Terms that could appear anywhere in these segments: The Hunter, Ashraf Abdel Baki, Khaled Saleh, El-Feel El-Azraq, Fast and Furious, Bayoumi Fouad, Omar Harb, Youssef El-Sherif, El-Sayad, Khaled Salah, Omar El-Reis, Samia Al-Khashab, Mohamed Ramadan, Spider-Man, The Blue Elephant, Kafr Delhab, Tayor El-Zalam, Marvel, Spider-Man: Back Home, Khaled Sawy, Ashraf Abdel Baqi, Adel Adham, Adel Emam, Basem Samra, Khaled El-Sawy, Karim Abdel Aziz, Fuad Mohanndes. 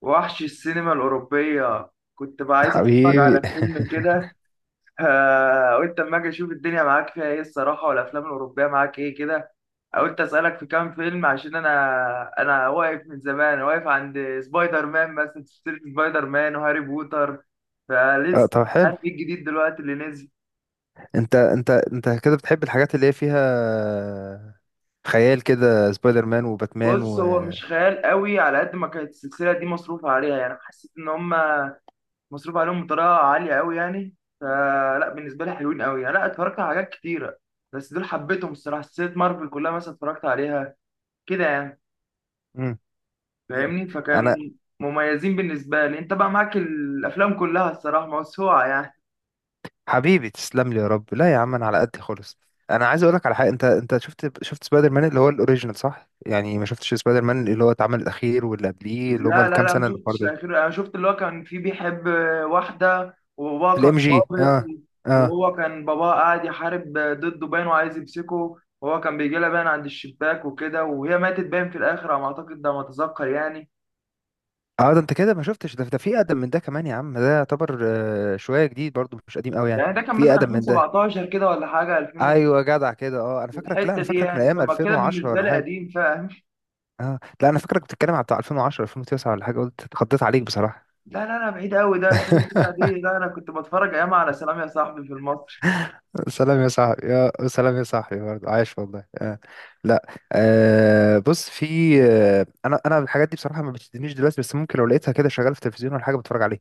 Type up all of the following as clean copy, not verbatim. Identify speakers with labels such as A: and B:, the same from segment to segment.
A: وحش السينما الأوروبية، كنت بقى عايز أتفرج
B: حبيبي.
A: على فيلم كده. آه، قلت أما أجي أشوف الدنيا معاك فيها إيه الصراحة، والأفلام الأوروبية معاك إيه كده. قلت أسألك في كام فيلم عشان أنا أنا واقف من زمان، واقف عند سبايدر مان مثلا، سلسلة سبايدر مان وهاري بوتر،
B: اه
A: فلسه
B: طب
A: مش
B: حلو.
A: عارف إيه الجديد دلوقتي اللي نزل.
B: انت كده بتحب الحاجات اللي هي فيها خيال كده، سبايدر مان وباتمان
A: بص،
B: و
A: هو مش خيال قوي، على قد ما كانت السلسلة دي مصروف عليها، يعني حسيت إن هما مصروف عليهم بطريقه عاليه قوي يعني. فلا بالنسبه لي حلوين قوي يعني، لا اتفرجت على حاجات كتيره بس دول حبيتهم الصراحه. سلسله مارفل كلها مثلا اتفرجت عليها كده يعني،
B: مم. مم.
A: فاهمني؟ فكانوا
B: انا.
A: مميزين بالنسبه لي. انت بقى معاك الافلام كلها الصراحه، موسوعه يعني.
B: حبيبي تسلم لي يا رب، لا يا عم انا على قد خالص. انا عايز اقول لك على حاجه، انت شفت سبايدر مان اللي هو الاوريجينال صح؟ يعني ما شفتش سبايدر مان اللي هو اتعمل الاخير واللي قبليه اللي هم
A: لا لا
B: الكام
A: لا، ما
B: سنه اللي
A: شفتش
B: برضه
A: الاخير، انا شفت اللي هو كان فيه بيحب واحده وباباه كان
B: الام جي.
A: ضابط،
B: اه اه
A: وهو كان باباه قاعد يحارب ضده باين، وعايز يمسكه، وهو كان بيجي لها باين عند الشباك وكده، وهي ماتت باين في الاخر على ما اعتقد، ده ما اتذكر يعني.
B: اه، ده انت كده ما شفتش، ده في اقدم من ده كمان يا عم. ده يعتبر شويه جديد برضه، مش قديم قوي، يعني
A: يعني ده كان
B: في
A: مثلا
B: اقدم من ده.
A: 2017 كده ولا حاجه، 2000
B: ايوه جدع كده، اه انا فاكرك، لا
A: والحته
B: انا
A: دي،
B: فاكرك من
A: يعني
B: ايام
A: فاهم كده
B: 2010
A: بالنسبه
B: ولا
A: لي
B: حاجه.
A: قديم، فاهم؟
B: اه لا انا فاكرك بتتكلم على بتاع 2010 2009 ولا حاجه، قلت اتخضيت عليك بصراحه.
A: لا لا لا، بعيد قوي ده 2009 دي، لا انا كنت بتفرج ايام على سلام يا صاحبي في المصري.
B: سلام يا صاحبي، يا سلام، يا صاحبي برضه عايش والله. لا آه بص، في انا الحاجات دي بصراحه ما بتشدنيش دلوقتي، بس ممكن لو لقيتها كده شغاله في التلفزيون ولا حاجه بتفرج عليها.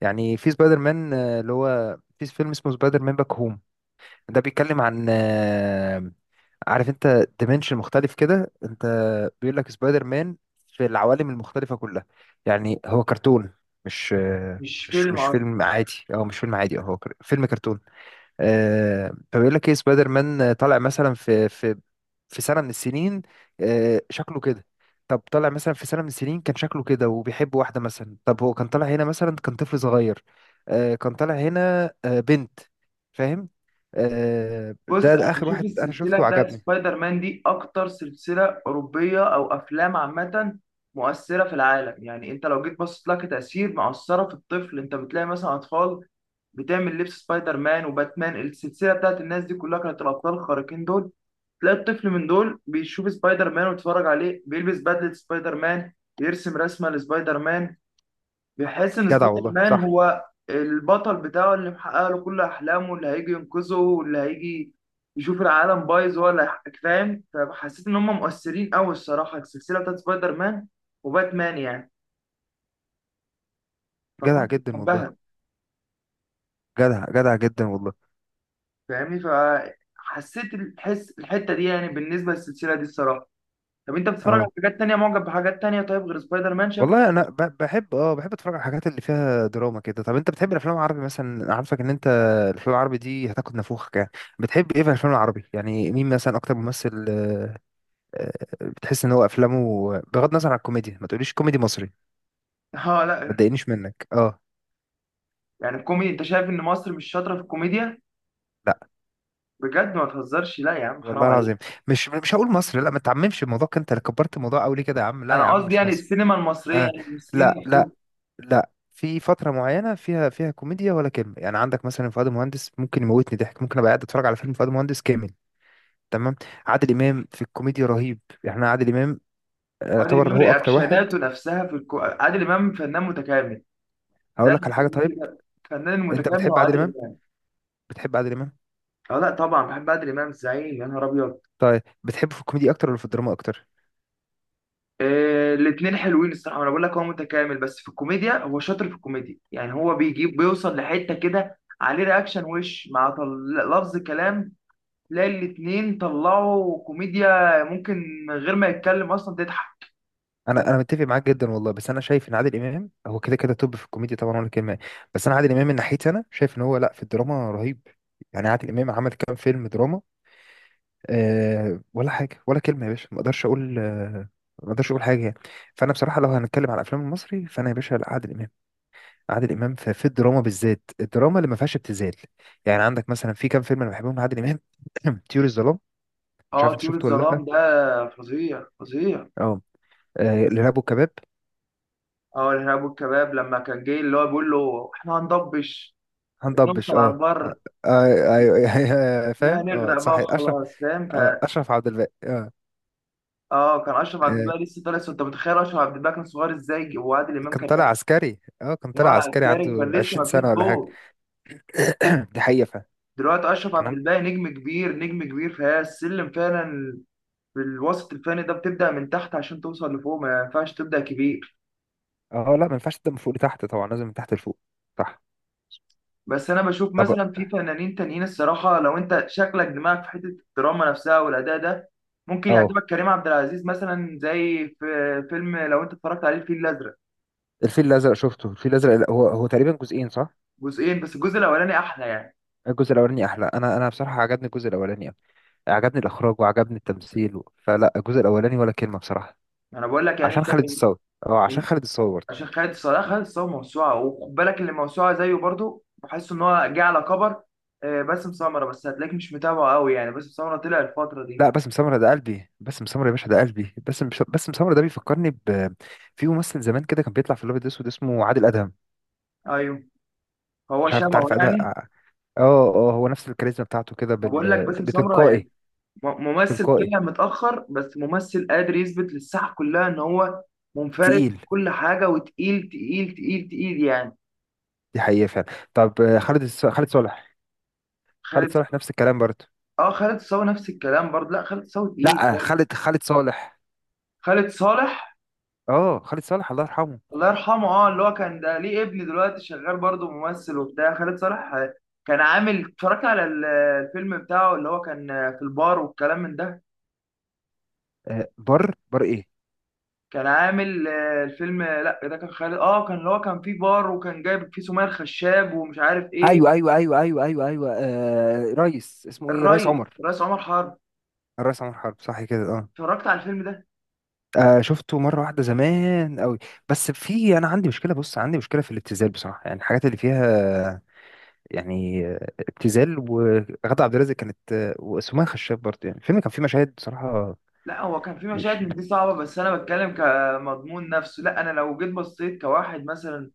B: يعني في سبايدر مان اللي هو في فيلم اسمه سبايدر مان باك هوم. ده بيتكلم عن عارف انت ديمنشن مختلف كده انت، بيقول لك سبايدر مان في العوالم المختلفة كلها. يعني هو كرتون، مش
A: مش
B: مش
A: فيلم
B: مش
A: اصلا.
B: فيلم عادي، او مش فيلم عادي، أو هو فيلم كرتون. فبيقول لك ايه، سبايدر مان طالع مثلا في في سنة من السنين، شكله كده. طب طالع مثلا في سنة من السنين كان شكله كده وبيحب واحدة مثلا. طب هو كان طالع هنا مثلا كان طفل صغير، كان طالع هنا بنت. فاهم؟
A: بص،
B: ده,
A: انا
B: ده آخر
A: بشوف
B: واحد أنا
A: السلسله
B: شفته
A: بتاعت
B: وعجبني.
A: سبايدر مان دي اكتر سلسله اوروبيه او افلام عامه مؤثره في العالم، يعني انت لو جيت بصيت لها كتاثير مؤثره في الطفل، انت بتلاقي مثلا اطفال بتعمل لبس سبايدر مان وباتمان. السلسله بتاعت الناس دي كلها كانت الابطال الخارقين دول، تلاقي الطفل من دول بيشوف سبايدر مان ويتفرج عليه، بيلبس بدلة سبايدر مان، بيرسم رسمة لسبايدر مان، بيحس إن
B: جدع
A: سبايدر
B: والله
A: مان
B: صح،
A: هو البطل بتاعه اللي محقق له كل أحلامه، اللي هيجي ينقذه، واللي هيجي يشوف العالم بايظ هو اللي هيحقق، فاهم؟ فحسيت إن هم مؤثرين أوي الصراحة، السلسلة بتاعت سبايدر مان وباتمان يعني،
B: جدع
A: فكنت
B: جدا والله،
A: بحبها،
B: جدع جدع جدا والله.
A: فاهمني؟ فحسيت الحس، الحتة دي يعني بالنسبة للسلسلة دي الصراحة. طب انت بتتفرج على
B: اه
A: حاجات تانية؟ معجب بحاجات تانية طيب غير سبايدر مان شكله؟
B: والله انا بحب اتفرج على الحاجات اللي فيها دراما كده. طب انت بتحب الافلام العربي مثلا؟ أنا عارفك ان انت الافلام العربي دي هتاخد نفوخك يعني. بتحب ايه في الافلام العربي يعني؟ مين مثلا اكتر ممثل آه، بتحس ان هو افلامه بغض النظر عن الكوميديا؟ ما تقوليش كوميدي مصري،
A: اه،
B: ما
A: لا
B: تضايقنيش منك اه،
A: يعني الكوميدي، انت شايف ان مصر مش شاطره في الكوميديا؟
B: لا
A: بجد ما تهزرش، لا يا عم،
B: والله
A: حرام
B: العظيم
A: عليك.
B: مش هقول مصري. لا ما تعممش الموضوع كده، انت اللي كبرت الموضوع قوي ليه كده يا عم؟ لا يا
A: انا
B: عم
A: قصدي
B: مش
A: يعني
B: مصري.
A: السينما المصريه،
B: آه
A: يعني المصريين
B: لا
A: نفسهم.
B: لا لا، في فترة معينة فيها كوميديا ولا كلمة. يعني عندك مثلا فؤاد مهندس ممكن يموتني ضحك، ممكن ابقى قاعد اتفرج على فيلم فؤاد مهندس كامل، تمام. عادل امام في الكوميديا رهيب يعني. أنا عادل امام
A: عادل
B: يعتبر
A: امام
B: هو اكتر واحد.
A: رياكشناته نفسها في عادل امام فنان متكامل، ده
B: هقول لك
A: اللي
B: على حاجة،
A: بيسميه
B: طيب
A: كده فنان
B: انت
A: متكامل، هو
B: بتحب عادل
A: عادل
B: امام؟
A: امام.
B: بتحب عادل امام؟
A: اه لا طبعا بحب عادل امام، الزعيم، يا نهار ابيض.
B: طيب بتحبه في الكوميديا اكتر ولا في الدراما اكتر؟
A: إيه، الاثنين حلوين الصراحه، انا بقول لك هو متكامل، بس في الكوميديا هو شاطر، في الكوميديا يعني هو بيجيب، بيوصل لحته كده عليه رياكشن وش، مع لفظ كلام تلاقي الاتنين طلعوا كوميديا، ممكن من غير ما يتكلم اصلا تضحك.
B: انا متفق معاك جدا والله، بس انا شايف ان عادل امام هو كده كده توب في الكوميديا طبعا ولا كلمة. بس انا عادل امام من ناحيتي انا شايف ان هو، لا، في الدراما رهيب. يعني عادل امام عمل كام فيلم دراما؟ أه، ولا حاجه ولا كلمه يا باشا، ما اقدرش اقول أه، ما اقدرش اقول حاجه يعني. فانا بصراحه لو هنتكلم على الافلام المصري، فانا يا باشا لا، عادل امام عادل امام في الدراما بالذات، الدراما اللي ما فيهاش ابتذال. يعني عندك مثلا في كام فيلم انا بحبهم لعادل امام. طيور الظلام، مش عارف
A: اه،
B: انت
A: طيور
B: شفته ولا لا؟
A: الظلام ده فظيع فظيع.
B: اه، الارهاب والكباب،
A: اه الارهاب والكباب، لما كان جاي اللي هو بيقول له احنا هنضبش
B: هندبش
A: نوصل على
B: اه،
A: البر،
B: ايوه فاهم اه
A: هنغرق
B: صح،
A: بقى
B: اشرف،
A: وخلاص، فاهم؟
B: اشرف عبد الباقي اه.
A: اه، كان اشرف عبد
B: آه،
A: الباقي لسه طالع، انت متخيل اشرف عبد الباقي كان صغير ازاي، وعادل امام
B: كان
A: كان
B: طالع عسكري، اه كان
A: كان
B: طالع
A: على
B: عسكري عنده
A: الكاري وكان لسه
B: 20
A: ما فيش
B: سنه ولا حاجه.
A: جول.
B: دي حقيقه فعلا.
A: دلوقتي اشرف عبد
B: كان
A: الباقي نجم كبير، نجم كبير، فهي السلم فعلا. الوسط الفني ده بتبدأ من تحت عشان توصل لفوق، ما ينفعش تبدأ كبير.
B: اه لا، ما ينفعش تبدا من فوق لتحت طبعا، لازم من تحت لفوق، صح.
A: بس أنا بشوف
B: طب
A: مثلا في فنانين تانيين الصراحة، لو أنت شكلك دماغك في حتة الدراما نفسها والأداء ده، ممكن
B: اه
A: يعجبك كريم عبد العزيز مثلا، زي في فيلم لو أنت اتفرجت عليه الفيل الأزرق.
B: الفيل الازرق، شفته الفيل الازرق؟ هو هو تقريبا جزئين صح؟
A: جزئين، بس الجزء الأولاني أحلى يعني.
B: الجزء الاولاني احلى. انا بصراحه عجبني الجزء الاولاني أوي. عجبني الاخراج وعجبني التمثيل و... فلا الجزء الاولاني ولا كلمه بصراحه.
A: أنا بقول لك يعني
B: عشان
A: أنت
B: خالد
A: من
B: الصاوي، اه عشان
A: من-
B: خالد الصاوي برضه.
A: عشان خالد صلاح. خالد صلاح موسوعة، وخد بالك اللي موسوعة زيه برضو، بحس إن هو جه على كبر. باسم سمرة، بس هتلاقيك مش متابعه قوي يعني، باسم سمرة طلع الفترة دي.
B: لا باسم سمرة ده قلبي، باسم سمرة يا باشا ده قلبي، باسم سمرة ده بيفكرني ب في ممثل زمان كده كان بيطلع في الابيض الاسود اسمه عادل ادهم.
A: أيوه، هو
B: مش عارف انت
A: شبهه
B: عارف ادهم؟
A: يعني.
B: اه، اه هو نفس الكاريزما بتاعته كده
A: بقول لك باسم سمرة يعني
B: بتلقائي،
A: ممثل
B: تلقائي،
A: طلع متأخر، بس ممثل قادر يثبت للساحة كلها إن هو منفرد في
B: تقيل.
A: كل حاجة، وتقيل تقيل تقيل تقيل يعني.
B: دي حقيقة فعلا. طب خالد صالح، خالد
A: خالد
B: صالح نفس الكلام برضه.
A: اه خالد صاوي نفس الكلام برضه، لا خالد صاوي تقيل
B: لا
A: برضه.
B: خالد صالح،
A: خالد صالح
B: اه خالد صالح الله يرحمه.
A: الله يرحمه، اه اللي هو كان ده ليه ابن دلوقتي شغال برضه ممثل وبتاع، خالد صالح كان عامل، اتفرجت على الفيلم بتاعه اللي هو كان في البار والكلام من ده.
B: بر بر ايه؟
A: كان عامل الفيلم، لا ده كان خالد، اه كان اللي هو كان فيه بار وكان جايب فيه سمية الخشاب، ومش عارف
B: ايوه
A: ايه.
B: ايوه ايوه ايوه ايوه ايوه، آه ريس اسمه ايه، ريس
A: الريس،
B: عمر،
A: الريس عمر حرب.
B: الريس عمر حرب، صح كده اه.
A: اتفرجت على الفيلم ده؟
B: آه شفته مرة واحدة زمان قوي، بس في انا عندي مشكلة. بص عندي مشكلة في الابتذال بصراحة. يعني الحاجات اللي فيها يعني ابتذال، وغادة عبد الرازق كانت وسمية خشاب برضه، يعني الفيلم كان فيه مشاهد بصراحة
A: لا هو كان فيه مشاهد
B: مش.
A: من دي صعبة، بس انا بتكلم كمضمون نفسه، لا انا لو جيت بصيت كواحد مثلا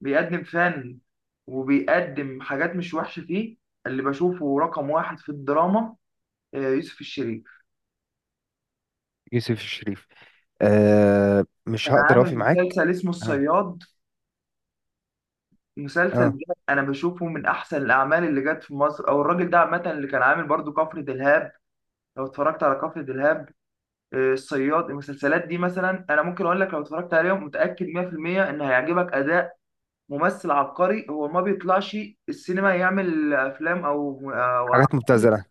A: بيقدم فن وبيقدم حاجات مش وحشة فيه. اللي بشوفه رقم واحد في الدراما يوسف الشريف،
B: يوسف الشريف؟ أه، مش
A: كان
B: هقدر اوفي
A: عامل
B: معاك،
A: مسلسل اسمه
B: اه
A: الصياد. مسلسل
B: اه،
A: ده انا بشوفه من احسن الاعمال اللي جت في مصر، او الراجل ده عامه اللي كان عامل برضو كفر دلهاب. لو اتفرجت على كفر دلهاب الصياد، المسلسلات دي مثلا انا ممكن اقول لك لو اتفرجت عليهم متاكد 100% ان هيعجبك اداء. ممثل عبقري، هو ما بيطلعش السينما يعمل افلام او أو
B: حاجات مبتذله.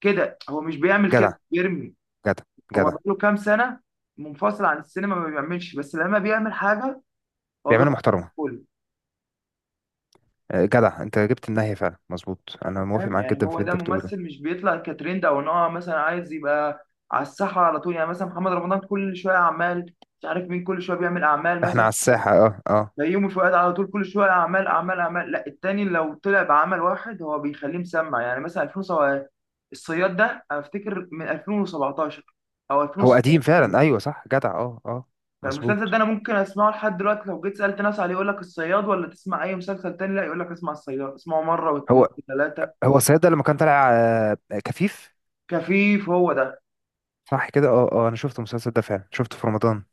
A: كده، هو مش بيعمل
B: جدع
A: كده، بيرمي.
B: جدع
A: هو
B: جدع،
A: بقاله كام سنه منفصل عن السينما، ما بيعملش، بس لما بيعمل حاجه هو
B: بيعملوا محترمه.
A: بيغطي،
B: جدع انت جبت النهايه فعلا، مظبوط، انا موافق
A: فاهم؟
B: معاك
A: يعني
B: جدا في
A: هو
B: اللي
A: ده
B: انت بتقوله ده.
A: ممثل، مش بيطلع كترند او ان هو مثلا عايز يبقى على الساحه على طول، يعني مثلا محمد رمضان كل شويه اعمال، مش عارف مين كل شويه بيعمل اعمال
B: احنا
A: مثلا،
B: على الساحه، اه اه،
A: بيومي فؤاد على طول كل شويه اعمال اعمال اعمال. لا التاني لو طلع بعمل واحد هو بيخليه مسمع، يعني مثلا 2007 الصياد ده، افتكر من 2017 او
B: هو قديم
A: 2016 كمان.
B: فعلا. ايوه صح جدع، اه اه
A: فالمسلسل ده
B: مظبوط.
A: انا ممكن اسمعه لحد دلوقتي، لو جيت سالت ناس عليه يقول لك الصياد، ولا تسمع اي مسلسل تاني، لا يقول لك اسمع الصياد، اسمعه مره واثنين
B: هو
A: وثلاثه.
B: هو الصياد ده لما كان طالع كفيف،
A: كفيف، هو ده
B: صح كده اه. اه انا شفت المسلسل ده فعلا، شفته في رمضان،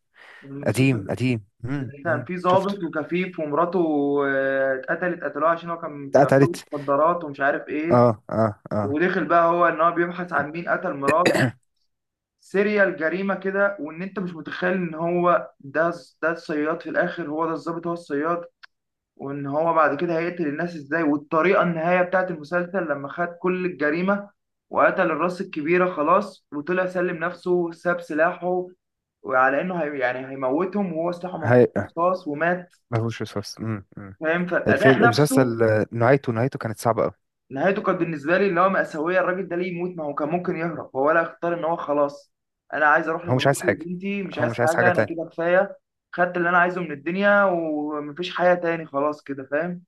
B: قديم
A: المسلسل.
B: قديم.
A: كان في
B: شفته.
A: ضابط وكفيف ومراته اتقتلت، قتلوها عشان هو كان في عصابة
B: اتقتلت،
A: مخدرات ومش عارف ايه،
B: اه اه اه.
A: ودخل بقى هو ان هو بيبحث عن مين قتل مراته، سيريال جريمة كده، وان انت مش متخيل ان هو ده، ده الصياد في الاخر، هو ده الضابط، هو الصياد. وان هو بعد كده هيقتل الناس ازاي، والطريقة النهاية بتاعت المسلسل لما خد كل الجريمة وقتل الراس الكبيرة خلاص، وطلع سلم نفسه، ساب سلاحه، وعلى انه هي يعني هيموتهم، وهو سلاحه مفروض
B: هي
A: رصاص، ومات،
B: مفهوش وسواس.
A: فاهم؟ فالاداء
B: الفيلم
A: نفسه.
B: المسلسل نهايته، نهايته كانت صعبة قوي.
A: نهايته كانت بالنسبه لي اللي هو مأساويه، الراجل ده ليه يموت؟ ما هو كان ممكن يهرب، هو لا اختار ان هو خلاص، انا عايز اروح
B: هو مش عايز
A: لمراتي
B: حاجة،
A: وبنتي، مش
B: هو
A: عايز
B: مش عايز حاجة
A: حاجه، انا
B: تانية.
A: كده كفايه، خدت اللي انا عايزه من الدنيا، ومفيش حياه تاني خلاص كده، فاهم؟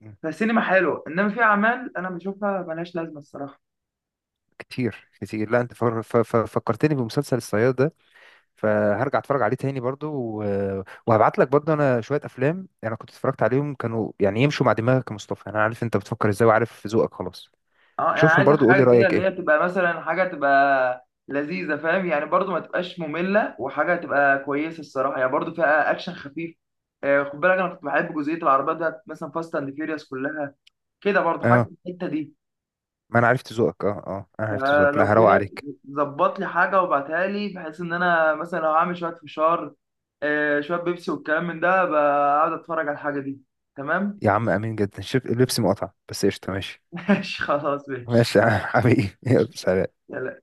B: مم.
A: فالسينما حلوه، انما في اعمال انا بشوفها ملهاش لازمه الصراحه.
B: كتير كتير. لا انت فكرتني بمسلسل الصياد ده، فهرجع اتفرج عليه تاني برضو وهبعت لك برضو. انا شوية افلام انا كنت اتفرجت عليهم كانوا يعني يمشوا مع دماغك يا مصطفى، انا عارف انت بتفكر ازاي وعارف ذوقك خلاص.
A: اه يعني
B: شوفهم
A: عايزك
B: برضو قول لي
A: حاجه كده
B: رأيك
A: اللي
B: ايه.
A: هي تبقى مثلا حاجه تبقى لذيذه، فاهم يعني؟ برضو ما تبقاش ممله، وحاجه تبقى كويسه الصراحه، يعني برضو فيها اكشن خفيف. خد بالك انا كنت بحب جزئيه العربيات بتاعت مثلا فاست اند فيوريوس كلها كده، برضو حاجه في
B: اه
A: الحته دي.
B: ما انا عرفت ذوقك، اه اه انا عرفت ذوقك، لا
A: فلو
B: هروق
A: كده
B: عليك.
A: ظبط لي حاجه وابعتها لي، بحيث ان انا مثلا لو هعمل شويه فشار شويه بيبسي والكلام من ده، بقعد اتفرج على الحاجه دي. تمام.
B: يا عم امين جدا، شوف اللبس مقطع بس قشطة ماشي.
A: ماشي خلاص، ماشي.
B: ماشي يا عم حبيبي، يلا سلام.
A: يلا.